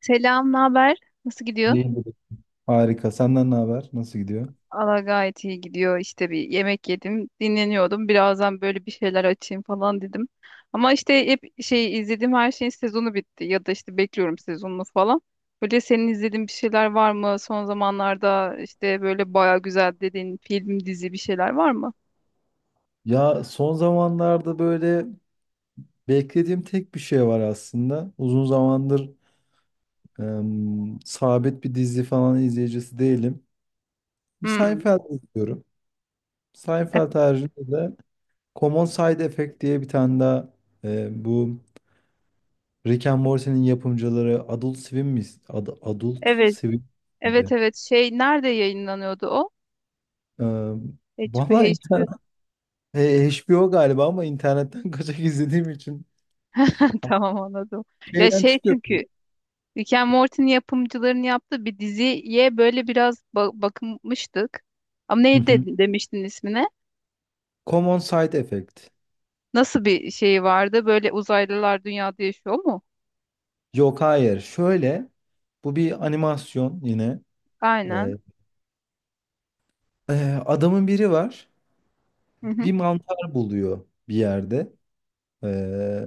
Selam, ne haber? Nasıl gidiyor? İyidir. Harika. Senden ne haber? Nasıl gidiyor? Allah gayet iyi gidiyor. İşte bir yemek yedim, dinleniyordum. Birazdan böyle bir şeyler açayım falan dedim. Ama işte hep şey izlediğim her şeyin sezonu bitti ya da işte bekliyorum sezonunu falan. Böyle senin izlediğin bir şeyler var mı? Son zamanlarda işte böyle baya güzel dediğin film, dizi bir şeyler var mı? Ya son zamanlarda böyle beklediğim tek bir şey var aslında. Uzun zamandır sabit bir dizi falan izleyicisi değilim. Bir Hmm. Seinfeld izliyorum. E- Seinfeld haricinde de Common Side Effect diye bir tane daha bu Rick and Morty'nin yapımcıları Adult Swim mi? Adult Evet, Swim evet, miydi? evet. Şey nerede yayınlanıyordu o? Em, Valla in- HBO, HBO galiba ama internetten kaçak izlediğim için Tamam anladım. Ya şeyden şey çıkıyor. çünkü Rick and Morty'nin yapımcıların yaptığı bir diziye böyle biraz bakmıştık. Ama Hı neydi hı. Demiştin ismine? Common Side Effect. Nasıl bir şey vardı? Böyle uzaylılar dünyada yaşıyor mu? Yok hayır. Şöyle bu bir animasyon yine. Ee, Aynen. e, adamın biri var. Hı hı. Bir mantar buluyor bir yerde. Ee,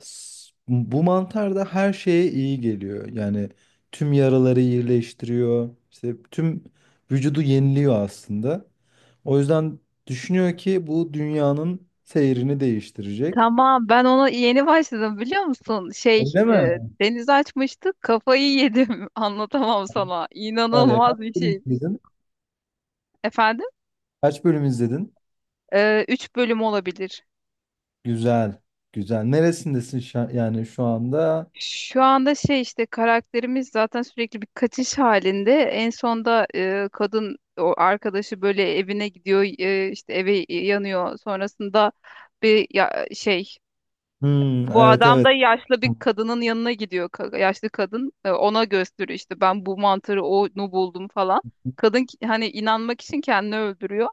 bu mantar da her şeye iyi geliyor. Yani tüm yaraları iyileştiriyor. İşte tüm vücudu yeniliyor aslında. O yüzden düşünüyor ki bu dünyanın seyrini değiştirecek. Tamam, ben ona yeni başladım biliyor musun? Şey, Öyle mi? Deniz açmıştık, kafayı yedim. Anlatamam sana. Öyle. İnanılmaz Kaç bir bölüm şeymiş. izledin? Efendim? Kaç bölüm izledin? Üç bölüm olabilir. Güzel. Güzel. Neresindesin yani şu anda? Şu anda şey işte karakterimiz zaten sürekli bir kaçış halinde. En sonda kadın o arkadaşı böyle evine gidiyor, işte eve yanıyor. Sonrasında bir şey Hmm, bu evet, adam evet. da yaşlı bir kadının yanına gidiyor. Yaşlı kadın ona gösteriyor işte ben bu mantarı onu buldum falan. Kadın hani inanmak için kendini öldürüyor.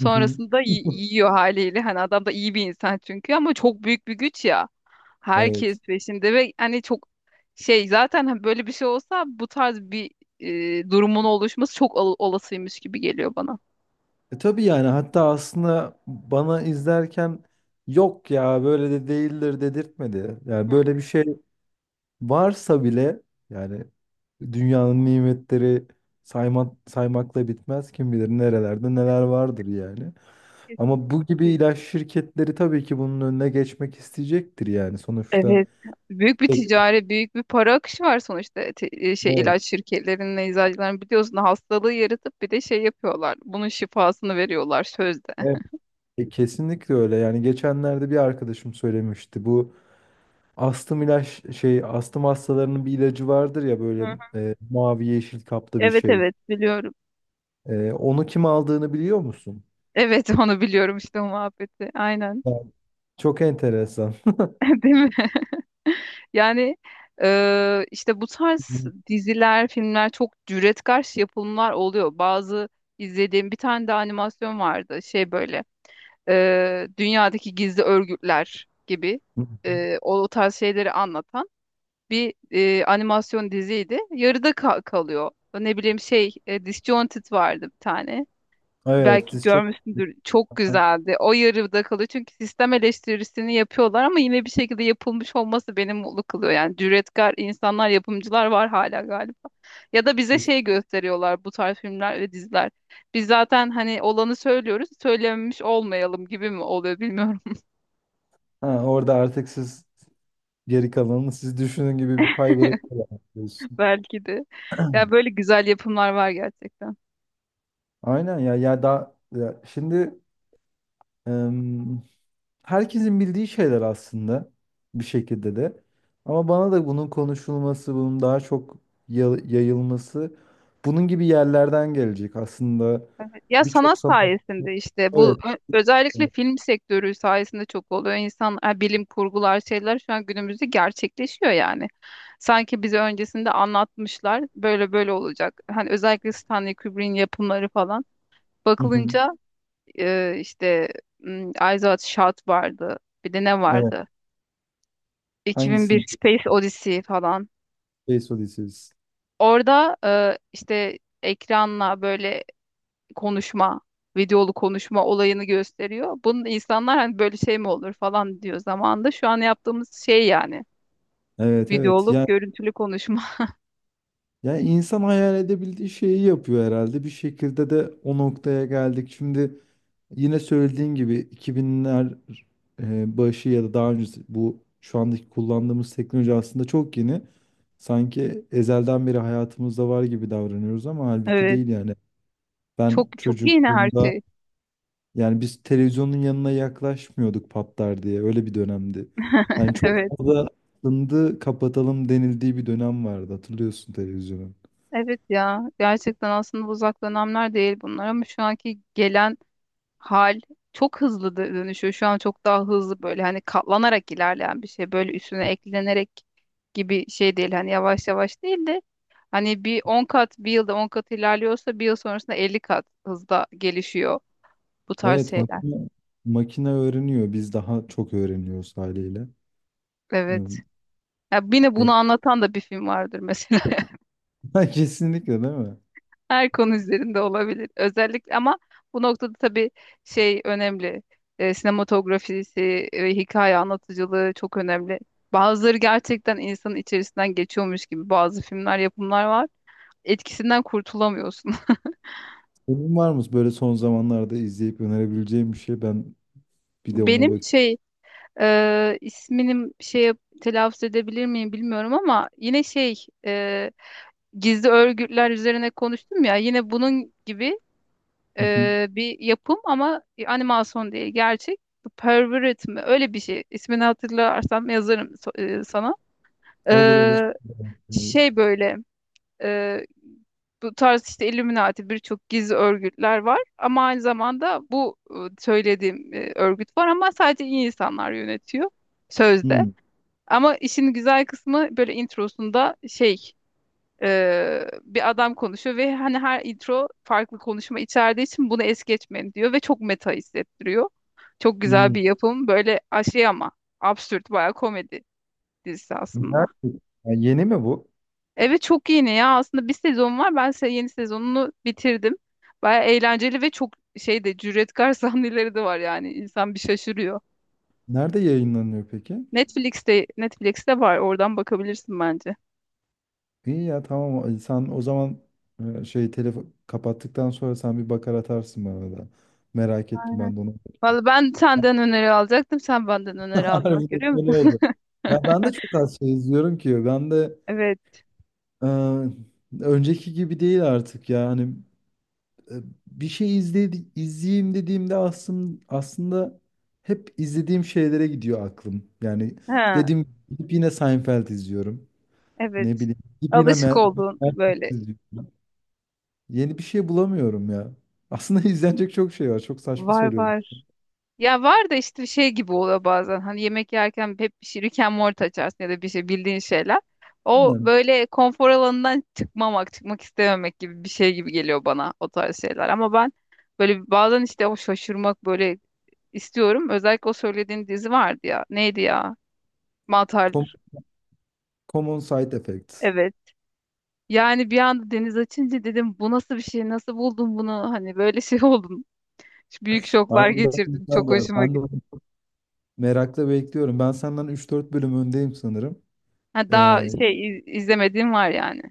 Hı hı. Yiyor haliyle. Hani adam da iyi bir insan çünkü, ama çok büyük bir güç ya. Herkes Evet. peşinde ve hani çok şey zaten, hani böyle bir şey olsa bu tarz bir durumun oluşması çok olasıymış gibi geliyor bana. E tabii yani, hatta aslında bana izlerken yok ya, böyle de değildir dedirtmedi. Yani böyle bir şey varsa bile, yani dünyanın nimetleri sayma, saymakla bitmez. Kim bilir nerelerde neler vardır yani. Ama Kesinlikle. bu gibi ilaç şirketleri tabii ki bunun önüne geçmek isteyecektir yani sonuçta. Evet. Büyük bir Evet, ticari, büyük bir para akışı var sonuçta. Şey evet, ilaç şirketlerinin, eczacıların biliyorsun, hastalığı yaratıp bir de şey yapıyorlar. Bunun şifasını veriyorlar sözde. E, kesinlikle öyle. Yani geçenlerde bir arkadaşım söylemişti. Bu astım ilaç şey astım hastalarının bir ilacı vardır ya, Hı hı. böyle mavi yeşil kapta bir Evet, şey. evet, biliyorum. E, onu kim aldığını biliyor musun? Evet, onu biliyorum işte, o muhabbeti. Aynen. Evet. Çok enteresan. Değil mi? Yani işte bu tarz diziler, filmler çok cüretkar yapımlar oluyor. Bazı izlediğim bir tane de animasyon vardı. Şey böyle dünyadaki gizli örgütler gibi, o tarz şeyleri anlatan bir animasyon diziydi. Yarıda kalıyor. Ne bileyim şey, Disjointed vardı bir tane, Evet, belki siz çok görmüşsündür, çok güzeldi. O yarıda kalıyor çünkü sistem eleştirisini yapıyorlar, ama yine bir şekilde yapılmış olması beni mutlu kılıyor. Yani cüretkar insanlar, yapımcılar var hala galiba. Ya da bize şey gösteriyorlar bu tarz filmler ve diziler. Biz zaten hani olanı söylüyoruz, söylememiş olmayalım gibi mi oluyor bilmiyorum. ha, orada artık siz geri kalanını siz düşünün gibi bir pay bırakıyorsunuz. Belki de. Ya böyle güzel yapımlar var gerçekten. Aynen ya, ya da ya şimdi herkesin bildiği şeyler aslında bir şekilde de. Ama bana da bunun konuşulması, bunun daha çok yayılması, bunun gibi yerlerden gelecek. Aslında Ya birçok sanat sanat... sayesinde işte, bu Evet. Özellikle film sektörü sayesinde çok oluyor. İnsan bilim kurgular şeyler şu an günümüzde gerçekleşiyor yani. Sanki bize öncesinde anlatmışlar böyle böyle olacak. Hani özellikle Stanley Kubrick'in yapımları falan. Hı hı. Bakılınca işte m, Eyes Wide Shut vardı. Bir de ne Evet. vardı? 2001 Hangisini? Space Odyssey falan. Space Odyssey. Orada işte ekranla böyle konuşma, videolu konuşma olayını gösteriyor. Bunun insanlar hani böyle şey mi olur falan diyor zamanında. Şu an yaptığımız şey yani. Evet, evet. Videolu, Yani, görüntülü konuşma. yani insan hayal edebildiği şeyi yapıyor herhalde. Bir şekilde de o noktaya geldik. Şimdi yine söylediğin gibi 2000'ler başı ya da daha önce, bu şu andaki kullandığımız teknoloji aslında çok yeni. Sanki ezelden beri hayatımızda var gibi davranıyoruz ama halbuki Evet. değil yani. Ben Çok çok yeni her çocukluğumda şey. yani biz televizyonun yanına yaklaşmıyorduk, patlar diye, öyle bir dönemdi. Yani Evet. çok fazla ındı kapatalım denildiği bir dönem vardı, hatırlıyorsun televizyonun. Evet ya. Gerçekten aslında uzak dönemler değil bunlar, ama şu anki gelen hal çok hızlı dönüşüyor. Şu an çok daha hızlı, böyle hani katlanarak ilerleyen bir şey. Böyle üstüne eklenerek gibi şey değil. Hani yavaş yavaş değil de, hani bir 10 kat, bir yılda 10 kat ilerliyorsa bir yıl sonrasında 50 kat hızda gelişiyor bu tarz Evet, şeyler. Makine öğreniyor, biz daha çok öğreniyoruz haliyle. Evet. Ee, Ya yine bunu anlatan da bir film vardır mesela. Ha, kesinlikle değil mi? Her konu üzerinde olabilir. Özellikle ama bu noktada tabii şey önemli. Sinematografisi ve hikaye anlatıcılığı çok önemli. Bazıları gerçekten insanın içerisinden geçiyormuş gibi, bazı filmler, yapımlar var. Etkisinden kurtulamıyorsun. Senin var mı böyle son zamanlarda izleyip önerebileceğim bir şey? Ben bir de ona Benim bak. şey, isminim şey, telaffuz edebilir miyim bilmiyorum, ama yine şey, gizli örgütler üzerine konuştum ya, yine bunun gibi Hı hı. Bir yapım, ama animasyon değil, gerçek. The Pervert mi? Öyle bir şey. İsmini hatırlarsam yazarım sana. Olur, olur. E, Olur. şey böyle, e, bu tarz işte Illuminati, birçok gizli örgütler var ama aynı zamanda bu söylediğim örgüt var ama sadece iyi insanlar yönetiyor sözde. Hı, Ama işin güzel kısmı, böyle introsunda şey, bir adam konuşuyor ve hani her intro farklı konuşma içerdiği için bunu es geçmeyin diyor ve çok meta hissettiriyor. Çok güzel hı. bir yapım. Böyle şey, ama absürt bayağı komedi dizisi aslında. Nerede? Ya yeni mi bu? Evet, çok yeni ya. Aslında bir sezon var. Ben yeni sezonunu bitirdim. Bayağı eğlenceli ve çok şey de cüretkar sahneleri de var yani. İnsan bir şaşırıyor. Nerede yayınlanıyor peki? Netflix'te var. Oradan bakabilirsin bence. İyi ya, tamam. Sen o zaman şey telefon kapattıktan sonra sen bir bakar atarsın bana da. Merak ettim Aynen. ben de onu. Vallahi ben senden öneri alacaktım. Sen benden öneri aldın. Bak, Harbiden görüyor böyle musun? oldu. Ya ben de çok az şey izliyorum ki. Ben de Evet. e, önceki gibi değil artık ya. Hani e, bir şey izledi, izleyeyim dediğimde aslında hep izlediğim şeylere gidiyor aklım. Yani He. dediğim gibi gidip yine Seinfeld izliyorum. Ne Evet. bileyim gidip yine Alışık olduğun Matrix böyle, izliyorum. Yeni bir şey bulamıyorum ya. Aslında izlenecek çok şey var. Çok saçma var söylüyorum. var. Ya var da, işte şey gibi oluyor bazen. Hani yemek yerken hep bir şey Rick and Morty açarsın ya da bir şey, bildiğin şeyler. O Aynen. böyle konfor alanından çıkmamak, çıkmak istememek gibi bir şey gibi geliyor bana o tarz şeyler. Ama ben böyle bazen işte o şaşırmak böyle istiyorum. Özellikle o söylediğin dizi vardı ya. Neydi ya? Mantar. Com- Common Side Effects. Evet. Yani bir anda deniz açınca dedim bu nasıl bir şey? Nasıl buldun bunu? Hani böyle şey oldum. Büyük şoklar Harbiden geçirdim. güzel Çok ya. hoşuma Ben de onu gitti. merakla bekliyorum. Ben senden üç dört bölüm öndeyim sanırım. Ha, daha Ee, şey izlemediğim var yani.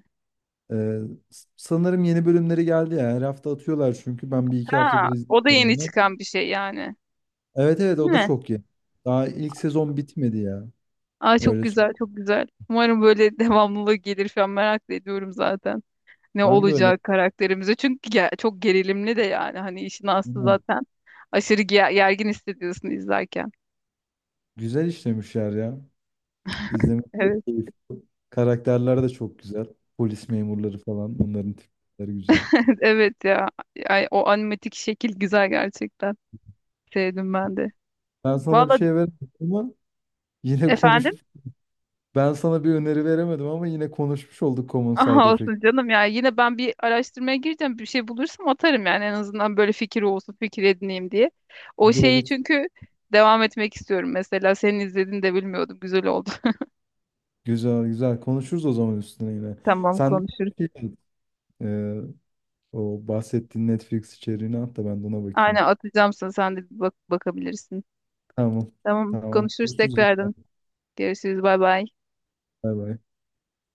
Ee, sanırım yeni bölümleri geldi ya. Her hafta atıyorlar çünkü ben bir iki Ha, haftadır o da izliyorum yeni onu. çıkan bir şey yani. Evet, evet, Değil o da mi? çok iyi. Daha ilk sezon bitmedi ya. Aa, çok Öyle. Güzel, çok güzel. Umarım böyle devamlılığı gelir falan, merak da ediyorum zaten. Ne Ben de öyle. olacak karakterimize. Çünkü çok gerilimli de yani. Hani işin aslı Bilmem. zaten. Aşırı gergin hissediyorsun izlerken. Güzel işlemişler ya. İzlemek çok Evet. keyifli. Karakterler de çok güzel. Polis memurları falan, onların tipleri güzel. Evet ya. Ay, o animatik şekil güzel gerçekten. Sevdim ben de. Ben sana bir Valla şey veremedim ama yine efendim? konuş. Ben sana bir öneri veremedim ama yine konuşmuş olduk, Common Side Aha olsun Effect. canım ya. Yine ben bir araştırmaya gireceğim. Bir şey bulursam atarım yani, en azından böyle fikir olsun, fikir edineyim diye. O Olur, şeyi olur. çünkü devam etmek istiyorum. Mesela senin izlediğini de bilmiyordum. Güzel oldu. Güzel, güzel. Konuşuruz o zaman üstüne yine. Tamam, Sen de konuşuruz. şey, o bahsettiğin Netflix içeriğini at da ben de ona Aynen, bakayım. atacağım sana. Sen de bir bak, bakabilirsin. Tamam. Tamam, Tamam. konuşuruz Görüşürüz. tekrardan. Görüşürüz. Bay bay. Bay bay.